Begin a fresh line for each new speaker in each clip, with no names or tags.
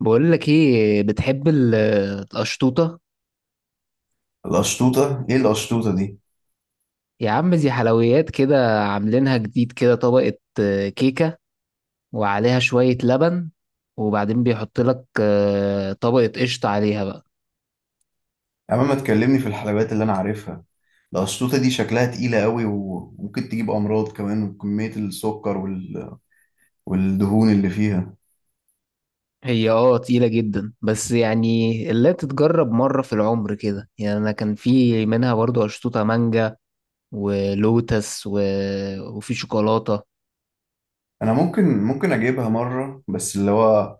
بقول لك ايه، بتحب القشطوطه؟
القشطوطة؟ ايه القشطوطة دي؟
يا عم، دي حلويات كده عاملينها جديد، كده طبقه، كيكه، وعليها شويه لبن، وبعدين بيحط لك طبقه قشطه عليها بقى.
يا عم ما تكلمني في الحلويات اللي انا عارفها. القشطوطة دي شكلها تقيلة قوي وممكن تجيب امراض كمان، وكمية السكر وال... والدهون اللي فيها.
هي تقيله جدا، بس يعني اللي تتجرب مره في العمر كده، يعني انا كان في منها برضو قشطوطه مانجا، ولوتس وفي شوكولاته.
انا ممكن اجيبها مرة، بس اللي هو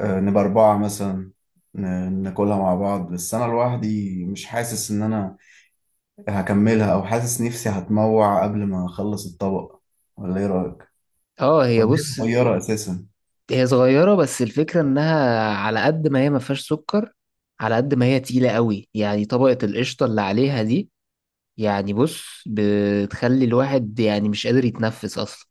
نبقى اربعة مثلا، ناكلها مع بعض. بس انا لوحدي مش حاسس ان انا هكملها، او حاسس نفسي هتموع قبل ما اخلص الطبق. ولا ايه رأيك؟
اه، هي
ولا هي
بص،
صغيرة اساسا؟
هي صغيرة، بس الفكرة انها على قد ما هي ما فيهاش سكر، على قد ما هي تقيلة قوي، يعني طبقة القشطة اللي عليها دي، يعني بص، بتخلي الواحد يعني مش قادر يتنفس اصلا.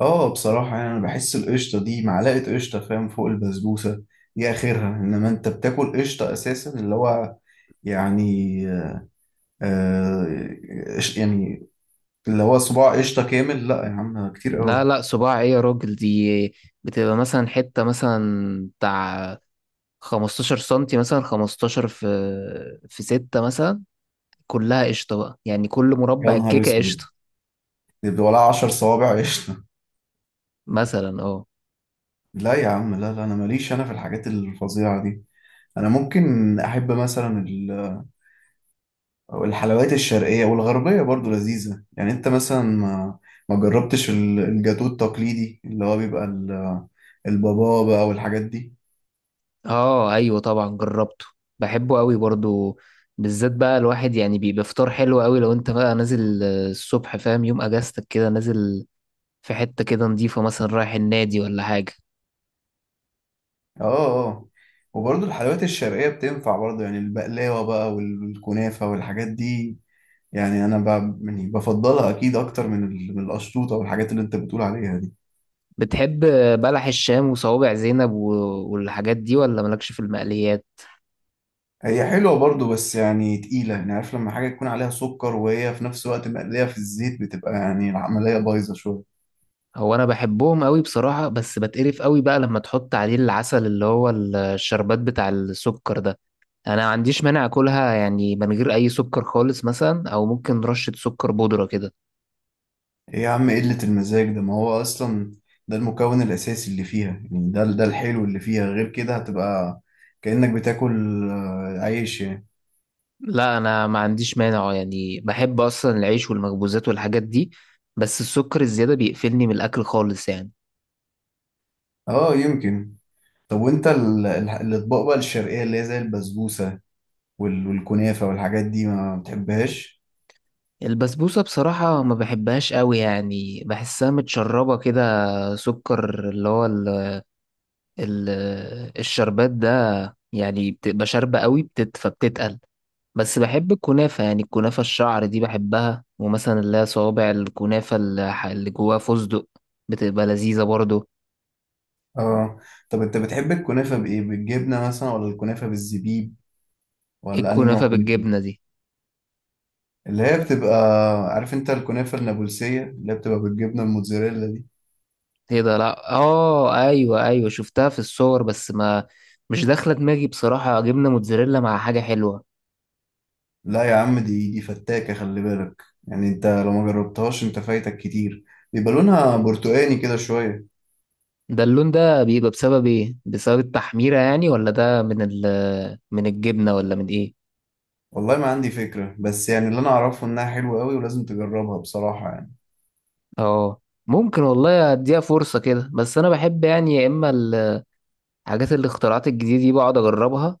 اه، بصراحة يعني انا بحس القشطة دي معلقة قشطة، فاهم، فوق البسبوسة دي اخرها. انما انت بتاكل قشطة اساسا، اللي هو يعني، آه يعني اللي هو صباع قشطة كامل. لا يا عم، كتير
لا
قوي.
لا، صباع ايه يا راجل؟ دي بتبقى مثلا حتة مثلا بتاع 15 سنتي، مثلا 15 في 6 مثلا، كلها قشطة بقى، يعني كل
يا
مربع
نهار
الكيكة
اسود!
قشطة.
يبقى ولا عشر صوابع قشطة؟
مثلا، اه.
لا يا عم، لا لا، انا ماليش انا في الحاجات الفظيعة دي. انا ممكن احب مثلا، والحلويات الشرقية والغربية برضو لذيذة. يعني انت مثلا ما جربتش الجاتو التقليدي، اللي هو بيبقى البابا بقى والحاجات دي.
اه، ايوه، طبعا جربته. بحبه قوي برضو. بالذات بقى الواحد يعني بيبقى فطار حلو قوي لو انت بقى نازل الصبح، فاهم، يوم اجازتك كده نازل في حتة كده نضيفة، مثلا رايح النادي ولا حاجة.
اه، اه، آه. وبرضو الحلويات الشرقية بتنفع برضو، يعني البقلاوة بقى والكنافة والحاجات دي. يعني انا يعني بفضلها اكيد اكتر من من القشطوطة والحاجات اللي انت بتقول عليها دي.
بتحب بلح الشام وصوابع زينب والحاجات دي، ولا مالكش في المقليات؟
هي حلوة برضو، بس يعني تقيلة. يعني عارف، لما حاجة يكون عليها سكر وهي في نفس الوقت مقلية في الزيت، بتبقى يعني العملية بايظة شوية.
هو انا بحبهم قوي بصراحة، بس بتقرف قوي بقى لما تحط عليه العسل اللي هو الشربات بتاع السكر ده. انا ما عنديش مانع اكلها يعني من غير اي سكر خالص مثلا، او ممكن رشة سكر بودرة كده.
ايه يا عم إيه قلة المزاج ده؟ ما هو اصلا ده المكون الاساسي اللي فيها، يعني ده ده الحلو اللي فيها. غير كده هتبقى كأنك بتاكل عيش يعني.
لا، انا ما عنديش مانع، يعني بحب اصلا العيش والمخبوزات والحاجات دي. بس السكر الزيادة بيقفلني من الاكل خالص يعني.
اه يمكن. طب وانت الاطباق بقى الشرقية اللي هي زي البسبوسة والكنافة والحاجات دي، ما بتحبهاش؟
البسبوسة بصراحة ما بحبهاش قوي، يعني بحسها متشربة كده، سكر، اللي هو ال ال الشربات ده، يعني بتبقى شاربة قوي، فبتتقل. بس بحب الكنافة، يعني الكنافة الشعر دي بحبها، ومثلا اللي هي صوابع الكنافة اللي جواها فستق، بتبقى لذيذة برضو.
اه. طب انت بتحب الكنافة بايه؟ بالجبنة مثلا ولا الكنافة بالزبيب؟ ولا انهي نوع
الكنافة
كنافة؟
بالجبنة دي.
اللي هي بتبقى، عارف انت الكنافة النابلسية اللي هي بتبقى بالجبنة الموتزاريلا دي؟
ايه ده؟ لا، اه، ايوه ايوه، شفتها في الصور، بس ما مش داخله دماغي بصراحه، جبنه موتزاريلا مع حاجه حلوه.
لا يا عم، دي فتاكة، خلي بالك. يعني انت لو ما جربتهاش انت فايتك كتير. بيبقى لونها برتقاني كده شوية.
ده اللون ده بيبقى بسبب ايه؟ بسبب التحميره يعني، ولا ده من الجبنه، ولا من ايه؟
والله ما عندي فكرة، بس يعني اللي انا اعرفه انها حلوة قوي ولازم تجربها بصراحة يعني.
اه، ممكن والله اديها فرصه كده، بس انا بحب يعني، يا اما الحاجات الاختراعات الجديده دي بقعد اجربها،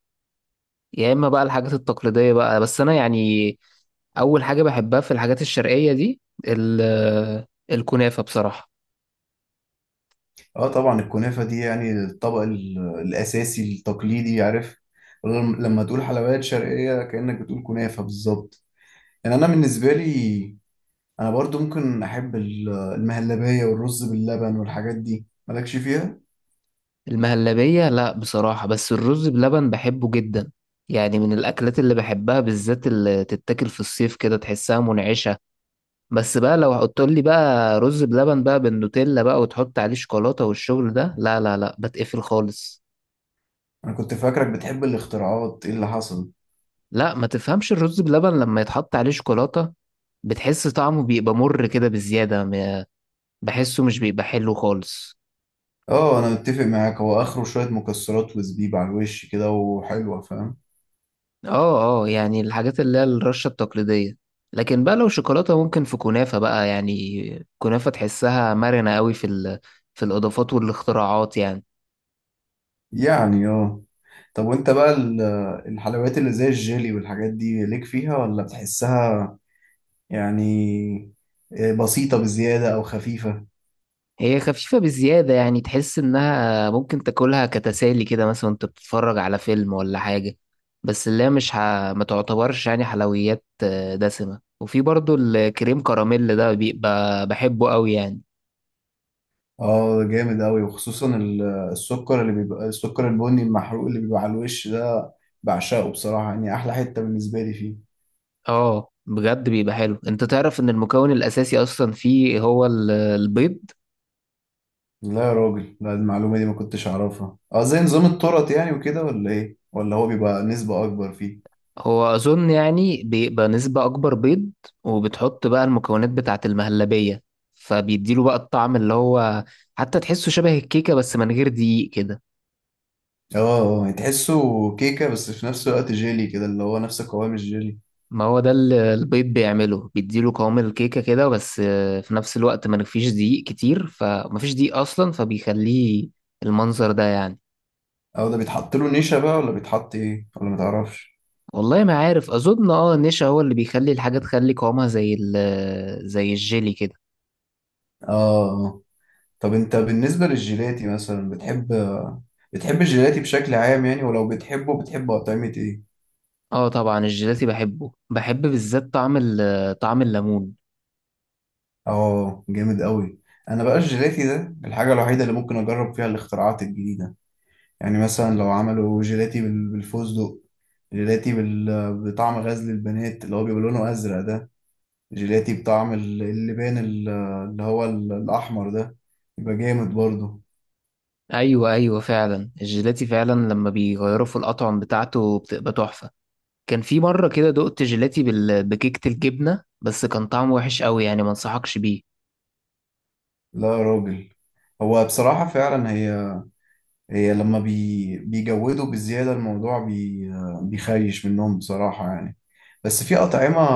يا اما بقى الحاجات التقليديه بقى، بس انا يعني اول حاجه بحبها في الحاجات الشرقيه دي ال- الكنافه بصراحه.
اه طبعا الكنافة دي يعني الطبق الاساسي التقليدي، عارف. لما تقول حلويات شرقية كأنك بتقول كنافة بالظبط. يعني انا بالنسبة لي، انا برضو ممكن احب المهلبية والرز باللبن والحاجات دي. مالكش فيها؟
المهلبية لا بصراحة، بس الرز بلبن بحبه جدا، يعني من الأكلات اللي بحبها، بالذات اللي تتاكل في الصيف كده تحسها منعشة. بس بقى لو هتقولي بقى رز بلبن بقى بالنوتيلا بقى وتحط عليه شوكولاتة والشغل ده، لا لا لا، بتقفل خالص.
انا كنت فاكرك بتحب الاختراعات، ايه اللي حصل؟
لا، ما تفهمش، الرز بلبن لما يتحط عليه شوكولاتة بتحس طعمه بيبقى مر كده بزيادة بحسه مش بيبقى حلو خالص.
اه انا متفق معاك. هو اخره شوية مكسرات وزبيب على الوش كده وحلوة، فاهم.
اه اه، يعني الحاجات اللي هي الرشة التقليدية. لكن بقى لو شوكولاتة ممكن في كنافة بقى، يعني كنافة تحسها مرنة قوي في في الإضافات والاختراعات يعني.
يعني اه. طب وانت بقى الحلويات اللي زي الجيلي والحاجات دي، ليك فيها ولا بتحسها يعني بسيطة بزيادة او خفيفة؟
هي خفيفة بزيادة، يعني تحس إنها ممكن تاكلها كتسالي كده، مثلا وأنت بتتفرج على فيلم ولا حاجة، بس اللي هي مش ما تعتبرش يعني حلويات دسمة، وفي برضو الكريم كراميل ده بيبقى بحبه قوي يعني.
اه جامد اوي، وخصوصا السكر اللي بيبقى، السكر البني المحروق اللي بيبقى على الوش ده، بعشقه بصراحة. يعني احلى حتة بالنسبة لي فيه.
اه، بجد بيبقى حلو، انت تعرف ان المكون الاساسي اصلا فيه هو البيض؟
لا يا راجل، لا، المعلومة دي ما كنتش اعرفها. اه زي نظام الطرط يعني وكده ولا ايه؟ ولا هو بيبقى نسبة اكبر فيه؟
هو أظن يعني بيبقى نسبة أكبر بيض، وبتحط بقى المكونات بتاعة المهلبية، فبيديله بقى الطعم اللي هو، حتى تحسه شبه الكيكة بس من غير دقيق كده.
اه اه، يعني تحسه كيكة بس في نفس الوقت جيلي كده، اللي هو نفس قوام الجيلي.
ما هو ده اللي البيض بيعمله، بيديله قوام الكيكة كده، بس في نفس الوقت ما فيش دقيق كتير، فما فيش دقيق أصلا، فبيخليه المنظر ده يعني.
او ده بيتحط له نشا بقى، ولا بيتحط ايه، ولا متعرفش؟
والله ما عارف، أظن اه النشا هو اللي بيخلي الحاجة تخلي قوامها زي الجيلي كده.
اه اه. طب انت بالنسبة للجيلاتي مثلا، بتحب بتحب الجيلاتي بشكل عام يعني؟ ولو بتحبه بتحب اطعمة ايه؟
اه، طبعا الجيلاتي بحبه، بحب بالذات طعم الليمون.
اه جامد قوي. انا بقى الجيلاتي ده الحاجة الوحيدة اللي ممكن اجرب فيها الاختراعات الجديدة. يعني مثلا لو عملوا جيلاتي بالفستق، جيلاتي بطعم غزل البنات اللي هو بيبقى لونه ازرق ده، جيلاتي بطعم اللبان اللي هو الأحمر ده، يبقى جامد برضه.
ايوه ايوه، فعلا الجيلاتي فعلا لما بيغيروا في الاطعم بتاعته بتبقى تحفه. كان في مره كده دقت جيلاتي بكيكه الجبنه، بس كان طعمه وحش قوي يعني، ما انصحكش بيه.
لا يا راجل، هو بصراحة فعلا هي، هي لما بيجودوا بزيادة الموضوع، بيخيش منهم بصراحة يعني. بس في أطعمة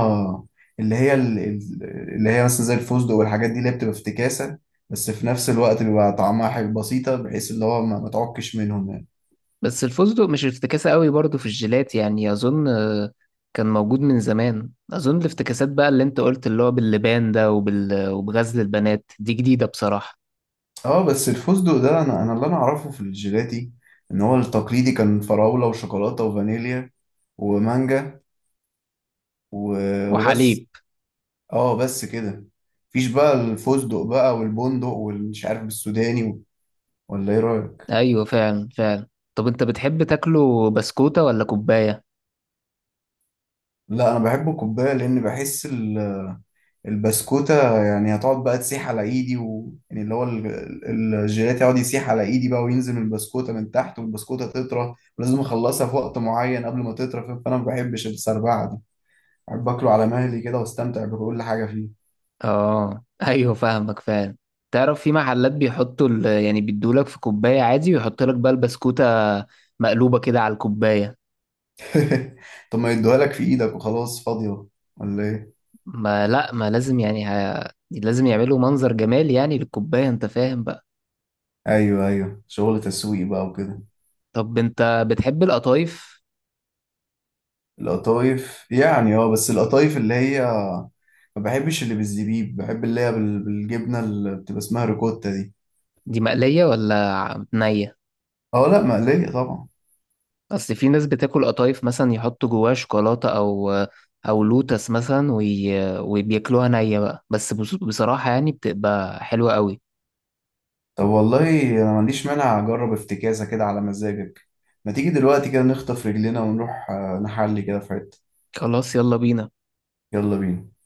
اللي هي اللي هي مثلا زي الفستق والحاجات دي، اللي هي بتبقى افتكاسة، بس في نفس الوقت بيبقى طعمها حلو بسيطة، بحيث اللي هو ما تعكش منهم يعني.
بس الفستق مش افتكاسه قوي برضه في الجيلاتي، يعني اظن كان موجود من زمان، اظن الافتكاسات بقى اللي انت قلت اللي هو باللبان ده وبغزل البنات دي جديده بصراحه.
اه بس الفستق ده، انا اللي انا اعرفه في الجيلاتي ان هو التقليدي كان فراولة وشوكولاتة وفانيليا ومانجا وبس.
وحليب.
اه بس كده. مفيش بقى الفستق بقى والبندق والمش عارف السوداني ولا ايه رأيك؟
ايوه، فعلا فعلا. طب انت بتحب تاكله بسكوته ولا كوبايه؟
لا انا بحبه كوباية، لان بحس البسكوتة يعني هتقعد بقى تسيح على ايدي و... يعني اللي هو الجيلاتي يقعد يسيح على ايدي بقى وينزل من البسكوتة من تحت، والبسكوتة تطرى، ولازم اخلصها في وقت معين قبل ما تطرى، فانا ما بحبش السربعة دي. أحب أكله على مهلي كده وأستمتع بكل حاجة فيه.
اه، ايوه، فاهمك فعلا. تعرف في محلات بيحطوا يعني بيدولك في كوباية عادي، ويحط لك بقى البسكوتة مقلوبة كده على الكوباية.
طب ما يدوها لك في إيدك وخلاص، فاضية ولا إيه؟
ما لا، ما لازم يعني لازم يعملوا منظر جمالي يعني للكوباية، انت فاهم بقى؟
أيوه أيوه، شغل تسويق بقى وكده.
طب انت بتحب القطايف؟
القطايف يعني اه، بس القطايف اللي هي، ما بحبش اللي بالزبيب، بحب اللي هي بالجبنة اللي بتبقى اسمها ريكوتا دي.
دي مقلية ولا نية؟
اه لا، مقلية طبعا.
اصل في ناس بتاكل قطايف، مثلا يحطوا جواها شوكولاتة او لوتس مثلا وبياكلوها نية بقى، بس بصراحة يعني بتبقى حلوة قوي.
طب والله أنا ما عنديش مانع أجرب افتكاسة كده على مزاجك. ما تيجي دلوقتي كده نخطف رجلنا ونروح نحلي كده في حتة.
خلاص، يلا بينا.
يلا بينا.